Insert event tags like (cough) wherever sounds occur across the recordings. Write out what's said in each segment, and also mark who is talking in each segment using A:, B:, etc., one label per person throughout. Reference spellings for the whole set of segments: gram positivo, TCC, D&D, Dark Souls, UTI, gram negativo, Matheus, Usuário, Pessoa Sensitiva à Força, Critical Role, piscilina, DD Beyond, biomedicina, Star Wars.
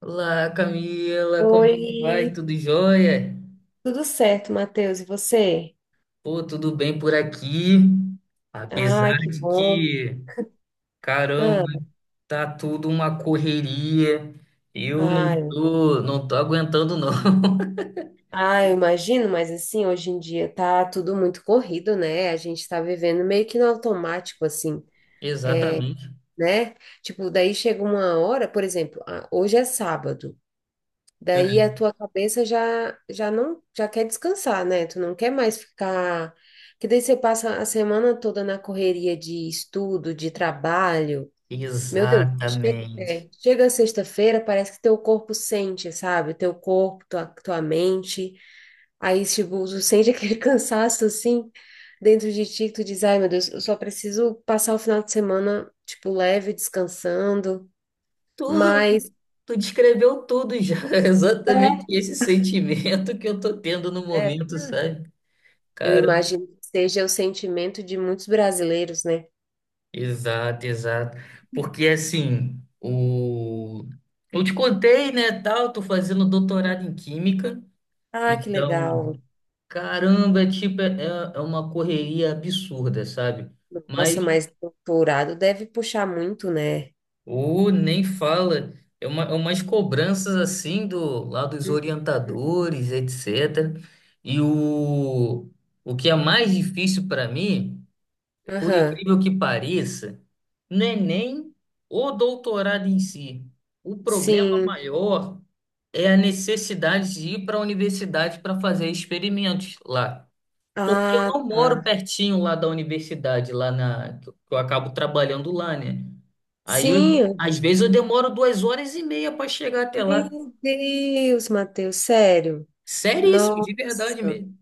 A: Olá, Camila, como é que vai?
B: Oi,
A: Tudo jóia?
B: tudo certo, Matheus? E você?
A: Pô, tudo bem por aqui. Apesar
B: Ai, que
A: de
B: bom.
A: que, caramba,
B: Ah,
A: tá tudo uma correria. Eu não
B: ai,
A: tô, não tô aguentando, não. (laughs)
B: ai, eu imagino, mas assim, hoje em dia tá tudo muito corrido, né? A gente tá vivendo meio que no automático, assim,
A: Exatamente.
B: né? Tipo, daí chega uma hora, por exemplo, ah, hoje é sábado, daí a
A: Uhum.
B: tua cabeça já, já não, já quer descansar, né? Tu não quer mais ficar. Que daí você passa a semana toda na correria de estudo, de trabalho. Meu Deus, chega,
A: Exatamente.
B: é, chega sexta-feira, parece que teu corpo sente, sabe? Teu corpo, tua mente. Aí, tipo, tu sente aquele (laughs) cansaço assim dentro de ti, que tu diz, ai, meu Deus, eu só preciso passar o final de semana, tipo, leve, descansando.
A: Tu,
B: Mas
A: tu descreveu tudo já. (laughs) Exatamente
B: é,
A: esse sentimento que eu tô tendo no
B: é,
A: momento,
B: hum,
A: sabe?
B: eu
A: Cara.
B: imagino que seja o sentimento de muitos brasileiros, né?
A: Exato, exato. Porque assim, o... Eu te contei, né, tal, tô fazendo doutorado em química,
B: Ah, que
A: então,
B: legal.
A: caramba, é tipo, é uma correria absurda, sabe? Mas
B: Nossa, mas doutorado deve puxar muito, né?
A: o nem fala, é umas cobranças assim do lá dos
B: Uhum.
A: orientadores, etc. E o, o que é mais difícil para mim. Por
B: Aham.
A: incrível que pareça, não é nem o doutorado em si. O problema
B: Sim.
A: maior é a necessidade de ir para a universidade para fazer experimentos lá. Porque eu
B: Ah,
A: não moro
B: tá.
A: pertinho lá da universidade, lá na, que eu acabo trabalhando lá, né? Aí,
B: Sim, eu-
A: às vezes, eu demoro duas horas e meia para chegar até lá.
B: Meu Deus, Matheus, sério.
A: Seríssimo, de verdade
B: Nossa,
A: mesmo.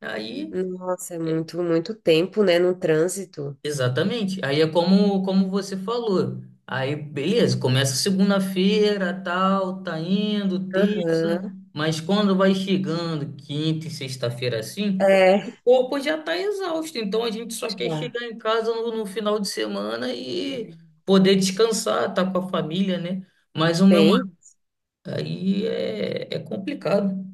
A: Aí.
B: nossa, é
A: É,
B: muito tempo, né, no trânsito.
A: Exatamente. Aí é como, como você falou. Aí, beleza, começa segunda-feira, tal, tá indo, terça,
B: Aham,
A: mas quando vai chegando quinta e sexta-feira assim,
B: é,
A: o corpo já tá exausto. Então a gente só quer
B: já.
A: chegar em casa no final de semana e poder descansar, estar tá com a família, né? Mas o meu marido
B: Bem,
A: aí é complicado.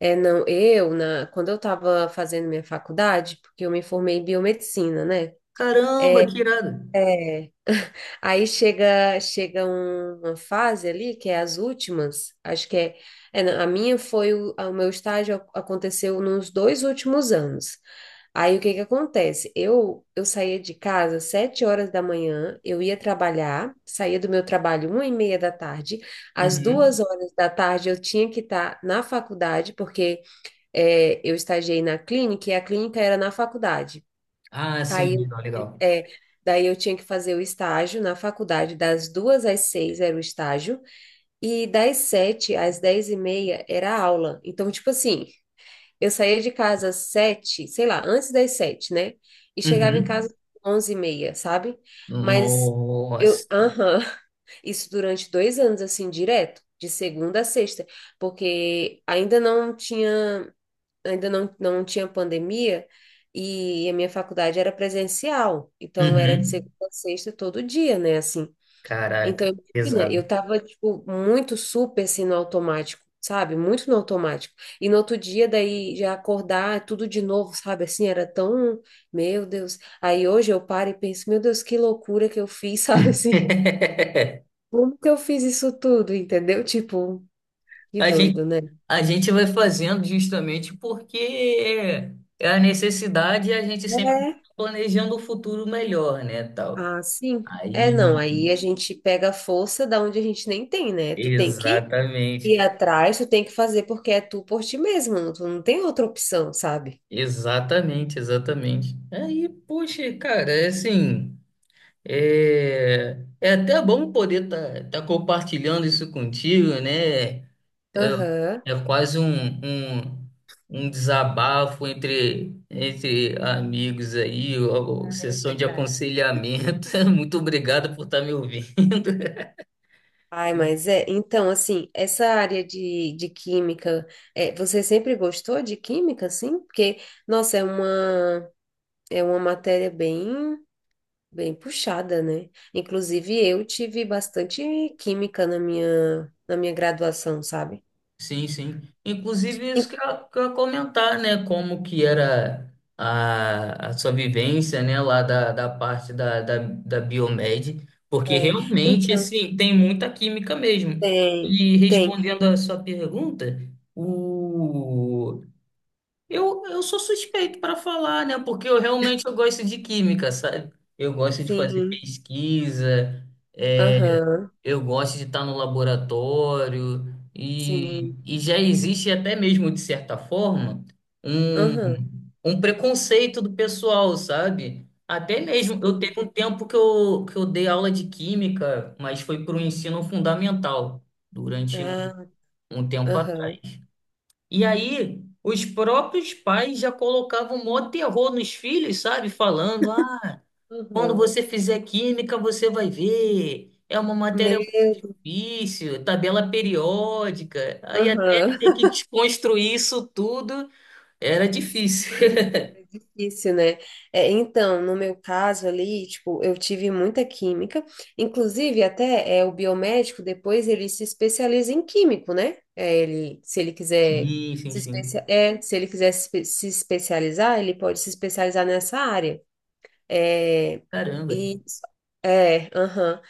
B: é, não, eu, na, quando eu estava fazendo minha faculdade, porque eu me formei em biomedicina, né? É,
A: Caramba, que irado.
B: é. (laughs) Aí chega uma fase ali, que é as últimas, acho que é, é, não, a minha foi, o meu estágio aconteceu nos dois últimos anos. Aí o que que acontece? Eu saía de casa às sete horas da manhã, eu ia trabalhar, saía do meu trabalho uma e meia da tarde, às
A: Uhum.
B: duas horas da tarde eu tinha que estar na faculdade, porque é, eu estagiei na clínica e a clínica era na faculdade.
A: Ah, sim,
B: Aí,
A: legal, legal.
B: é, daí eu tinha que fazer o estágio na faculdade, das duas às seis era o estágio, e das sete às dez e meia era a aula. Então, tipo assim, eu saía de casa às sete, sei lá, antes das sete, né? E chegava em casa
A: Uhum.
B: às onze e meia, sabe? Mas eu,
A: Nossa.
B: aham, (laughs) isso durante dois anos, assim, direto. De segunda a sexta, porque ainda não tinha pandemia e a minha faculdade era presencial, então era de segunda
A: Uhum.
B: a sexta todo dia, né, assim. Então,
A: Caraca,
B: imagina, eu
A: pesado.
B: tava, tipo, muito super, assim, no automático, sabe? Muito no automático. E no outro dia, daí, já acordar, tudo de novo, sabe? Assim, era tão... Meu Deus. Aí hoje eu paro e penso, meu Deus, que loucura que eu fiz, (laughs) sabe? Assim,
A: (laughs)
B: como que eu fiz isso tudo, entendeu? Tipo, que
A: A gente,
B: doido, né?
A: a gente vai fazendo justamente porque é a necessidade e a gente sempre
B: É,
A: tá planejando o futuro melhor, né, tal.
B: ah, sim. É, não,
A: Aí,
B: aí a gente pega a força da onde a gente nem tem, né? Tu tem que
A: exatamente,
B: ir atrás, tu tem que fazer porque é tu por ti mesmo, tu não tem outra opção, sabe?
A: exatamente, exatamente. Aí, poxa, cara, é assim. É, é até bom poder estar compartilhando isso contigo, né? É,
B: Aham,
A: é quase um, um desabafo entre, entre amigos aí, ou
B: é
A: sessão de
B: verdade.
A: aconselhamento. (laughs) Muito obrigado por estar me ouvindo.
B: Ai, mas é, então, assim, essa área de química, é, você sempre gostou de química, assim? Porque, nossa, é uma matéria bem, bem puxada, né? Inclusive, eu tive bastante química na minha graduação, sabe?
A: Sim, sim. Inclusive, isso que eu ia comentar, né? Como que era a sua vivência, né? Lá da, da parte da, da, da Biomed, porque
B: É,
A: realmente,
B: então,
A: assim, tem muita química mesmo.
B: tem,
A: E
B: tem,
A: respondendo a sua pergunta, o... eu sou suspeito para falar, né? Porque eu realmente eu gosto de química, sabe? Eu gosto de fazer
B: sim,
A: pesquisa, é,
B: aham,
A: eu gosto de estar no laboratório
B: sim,
A: e já existe até mesmo, de certa forma, um,
B: aham,
A: um preconceito do pessoal, sabe? Até mesmo, eu
B: sim,
A: teve um tempo que eu dei aula de química, mas foi para o ensino fundamental, durante
B: ah,
A: um tempo
B: aham,
A: atrás. E aí, os próprios pais já colocavam mó terror nos filhos, sabe? Falando, ah, quando
B: aham,
A: você fizer química, você vai ver. É uma matéria
B: meu,
A: isso, tabela periódica. Aí até
B: aham,
A: ter que desconstruir isso tudo era difícil.
B: (laughs)
A: (laughs)
B: é difícil, né? É, então, no meu caso ali, tipo, eu tive muita química, inclusive até é, o biomédico, depois ele se especializa em químico, né? É, ele, se ele quiser
A: Sim, sim,
B: se especia-
A: sim.
B: é, se ele quiser se espe- se especializar, ele pode se especializar nessa área. É,
A: Caramba.
B: e é, aham.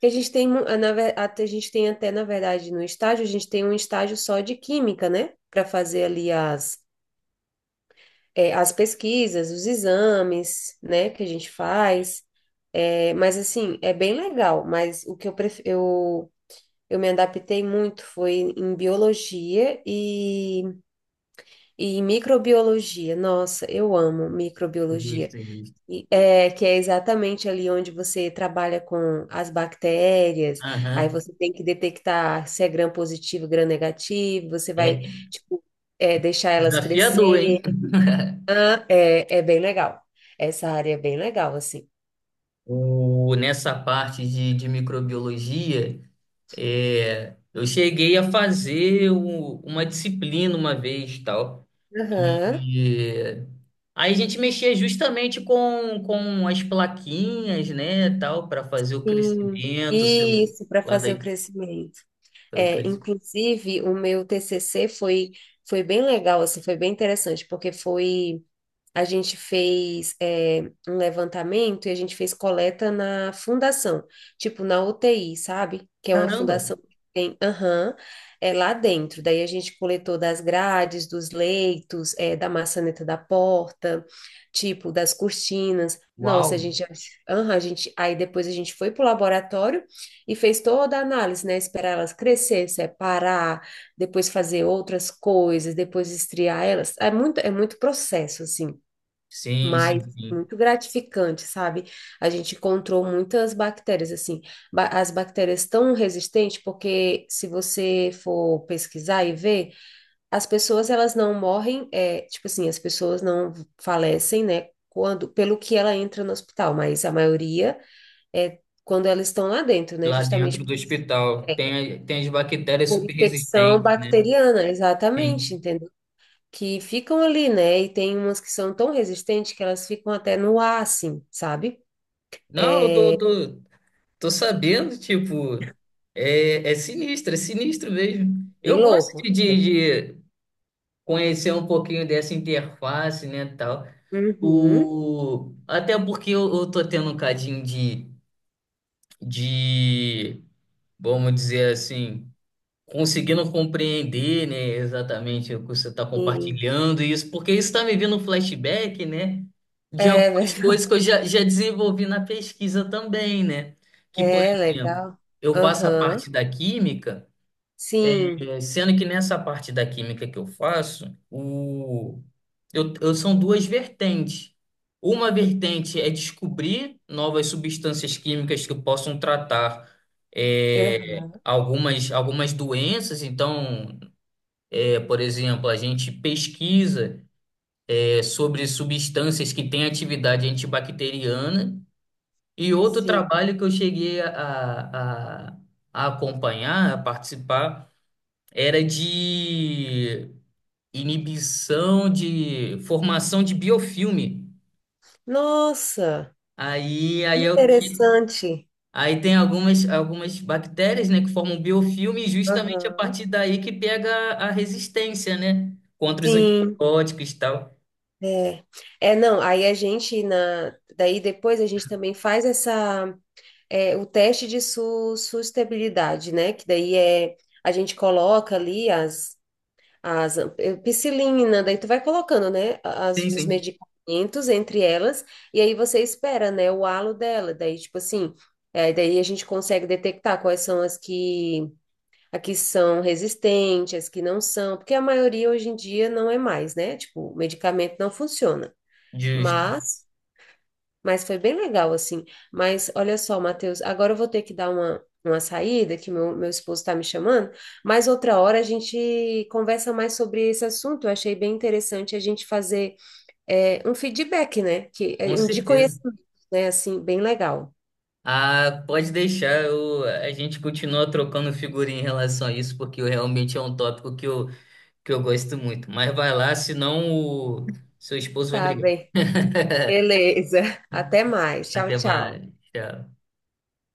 B: Que a gente tem, a gente tem até, na verdade, no estágio, a gente tem um estágio só de química, né? Para fazer ali as, é, as pesquisas, os exames, né? Que a gente faz. É, mas, assim, é bem legal. Mas o que eu, eu me adaptei muito foi em biologia e em microbiologia. Nossa, eu amo microbiologia.
A: Justo, justo.
B: Que é exatamente ali onde você trabalha com as bactérias, aí
A: Aham.
B: você tem que detectar se é gram positivo, gram negativo, você vai,
A: É
B: tipo, é, deixar elas
A: desafiador,
B: crescer.
A: hein?
B: Ah, é, é bem legal. Essa área é bem legal, assim.
A: O, nessa parte de microbiologia, é, eu cheguei a fazer uma disciplina uma vez, tal.
B: Aham,
A: E aí a gente mexia justamente com as plaquinhas, né, tal, para fazer o
B: sim.
A: crescimento,
B: Isso, para
A: lá lá
B: fazer o
A: daí,
B: crescimento.
A: o
B: É,
A: crescimento.
B: inclusive, o meu TCC foi, foi bem legal, assim, foi bem interessante, porque foi a gente fez é, um levantamento e a gente fez coleta na fundação, tipo na UTI, sabe? Que é uma
A: Caramba!
B: fundação que tem, aham, é lá dentro. Daí a gente coletou das grades, dos leitos, é, da maçaneta da porta, tipo das cortinas. Nossa, a
A: Uau!
B: gente, aham, a gente, aí depois a gente foi pro laboratório e fez toda a análise, né? Esperar elas crescer, separar, depois fazer outras coisas, depois estriar elas. É muito processo, assim.
A: Sim, sim,
B: Mas
A: sim.
B: muito gratificante, sabe? A gente encontrou muitas bactérias, assim, as bactérias tão resistentes, porque se você for pesquisar e ver, as pessoas elas não morrem, é, tipo assim, as pessoas não falecem, né? Quando, pelo que ela entra no hospital, mas a maioria é quando elas estão lá dentro, né?
A: Lá
B: Justamente
A: dentro do
B: por,
A: hospital
B: é,
A: tem, tem as bactérias
B: por
A: super
B: infecção
A: resistentes, né?
B: bacteriana,
A: Sim.
B: exatamente, que ficam ali, né? E tem umas que são tão resistentes que elas ficam até no ar, assim, sabe?
A: Não, eu tô sabendo, tipo, é, é sinistro mesmo.
B: Bem
A: Eu gosto
B: louco.
A: de,
B: É.
A: de conhecer um pouquinho dessa interface, né, tal.
B: Uhum.
A: O... Até porque eu tô tendo um cadinho de, vamos dizer assim, conseguindo compreender, né, exatamente o que você está
B: Sim.
A: compartilhando e isso, porque isso está me vindo um flashback, né, de
B: É,
A: algumas
B: verdade.
A: coisas já desenvolvi na pesquisa também, né?
B: (laughs)
A: Que, por
B: É
A: exemplo,
B: legal.
A: eu faço a
B: Aham.
A: parte da química.
B: Sim.
A: É, sendo que nessa parte da química que eu faço, o... são duas vertentes. Uma vertente é descobrir novas substâncias químicas que possam tratar
B: Aham.
A: algumas, algumas doenças. Então, é, por exemplo, a gente pesquisa é, sobre substâncias que têm atividade antibacteriana. E outro
B: Sim.
A: trabalho que eu cheguei a acompanhar, a participar, era de inibição de formação de biofilme.
B: Nossa,
A: Aí é o que
B: interessante.
A: aí tem algumas bactérias, né, que formam biofilme e justamente a
B: Aham.
A: partir daí que pega a resistência, né, contra os
B: Sim.
A: antibióticos e tal.
B: É. É, não, aí a gente na daí depois a gente também faz essa é, o teste de su sustentabilidade, né? Que daí é a gente coloca ali as eh, piscilina, daí tu vai colocando, né, as,
A: Sim,
B: os
A: sim.
B: medicamentos entre elas, e aí você espera, né, o halo dela, daí tipo assim, eh, daí a gente consegue detectar quais são as que, a que são resistentes, as que não são, porque a maioria hoje em dia não é mais, né, tipo, o medicamento não funciona,
A: Justo,
B: mas mas foi bem legal, assim. Mas olha só, Matheus, agora eu vou ter que dar uma saída, que meu esposo está me chamando, mas outra hora a gente conversa mais sobre esse assunto. Eu achei bem interessante a gente fazer é, um feedback, né? Que,
A: com
B: é, um de
A: certeza.
B: conhecimento, né? Assim, bem legal.
A: Ah, pode deixar, eu, a gente continua trocando figurinha em relação a isso, porque realmente é um tópico que eu gosto muito. Mas vai lá, senão o seu esposo vai
B: Tá
A: brigar.
B: bem.
A: (laughs)
B: Beleza. (laughs) Até mais. Tchau,
A: Até
B: tchau.
A: mais. Tchau.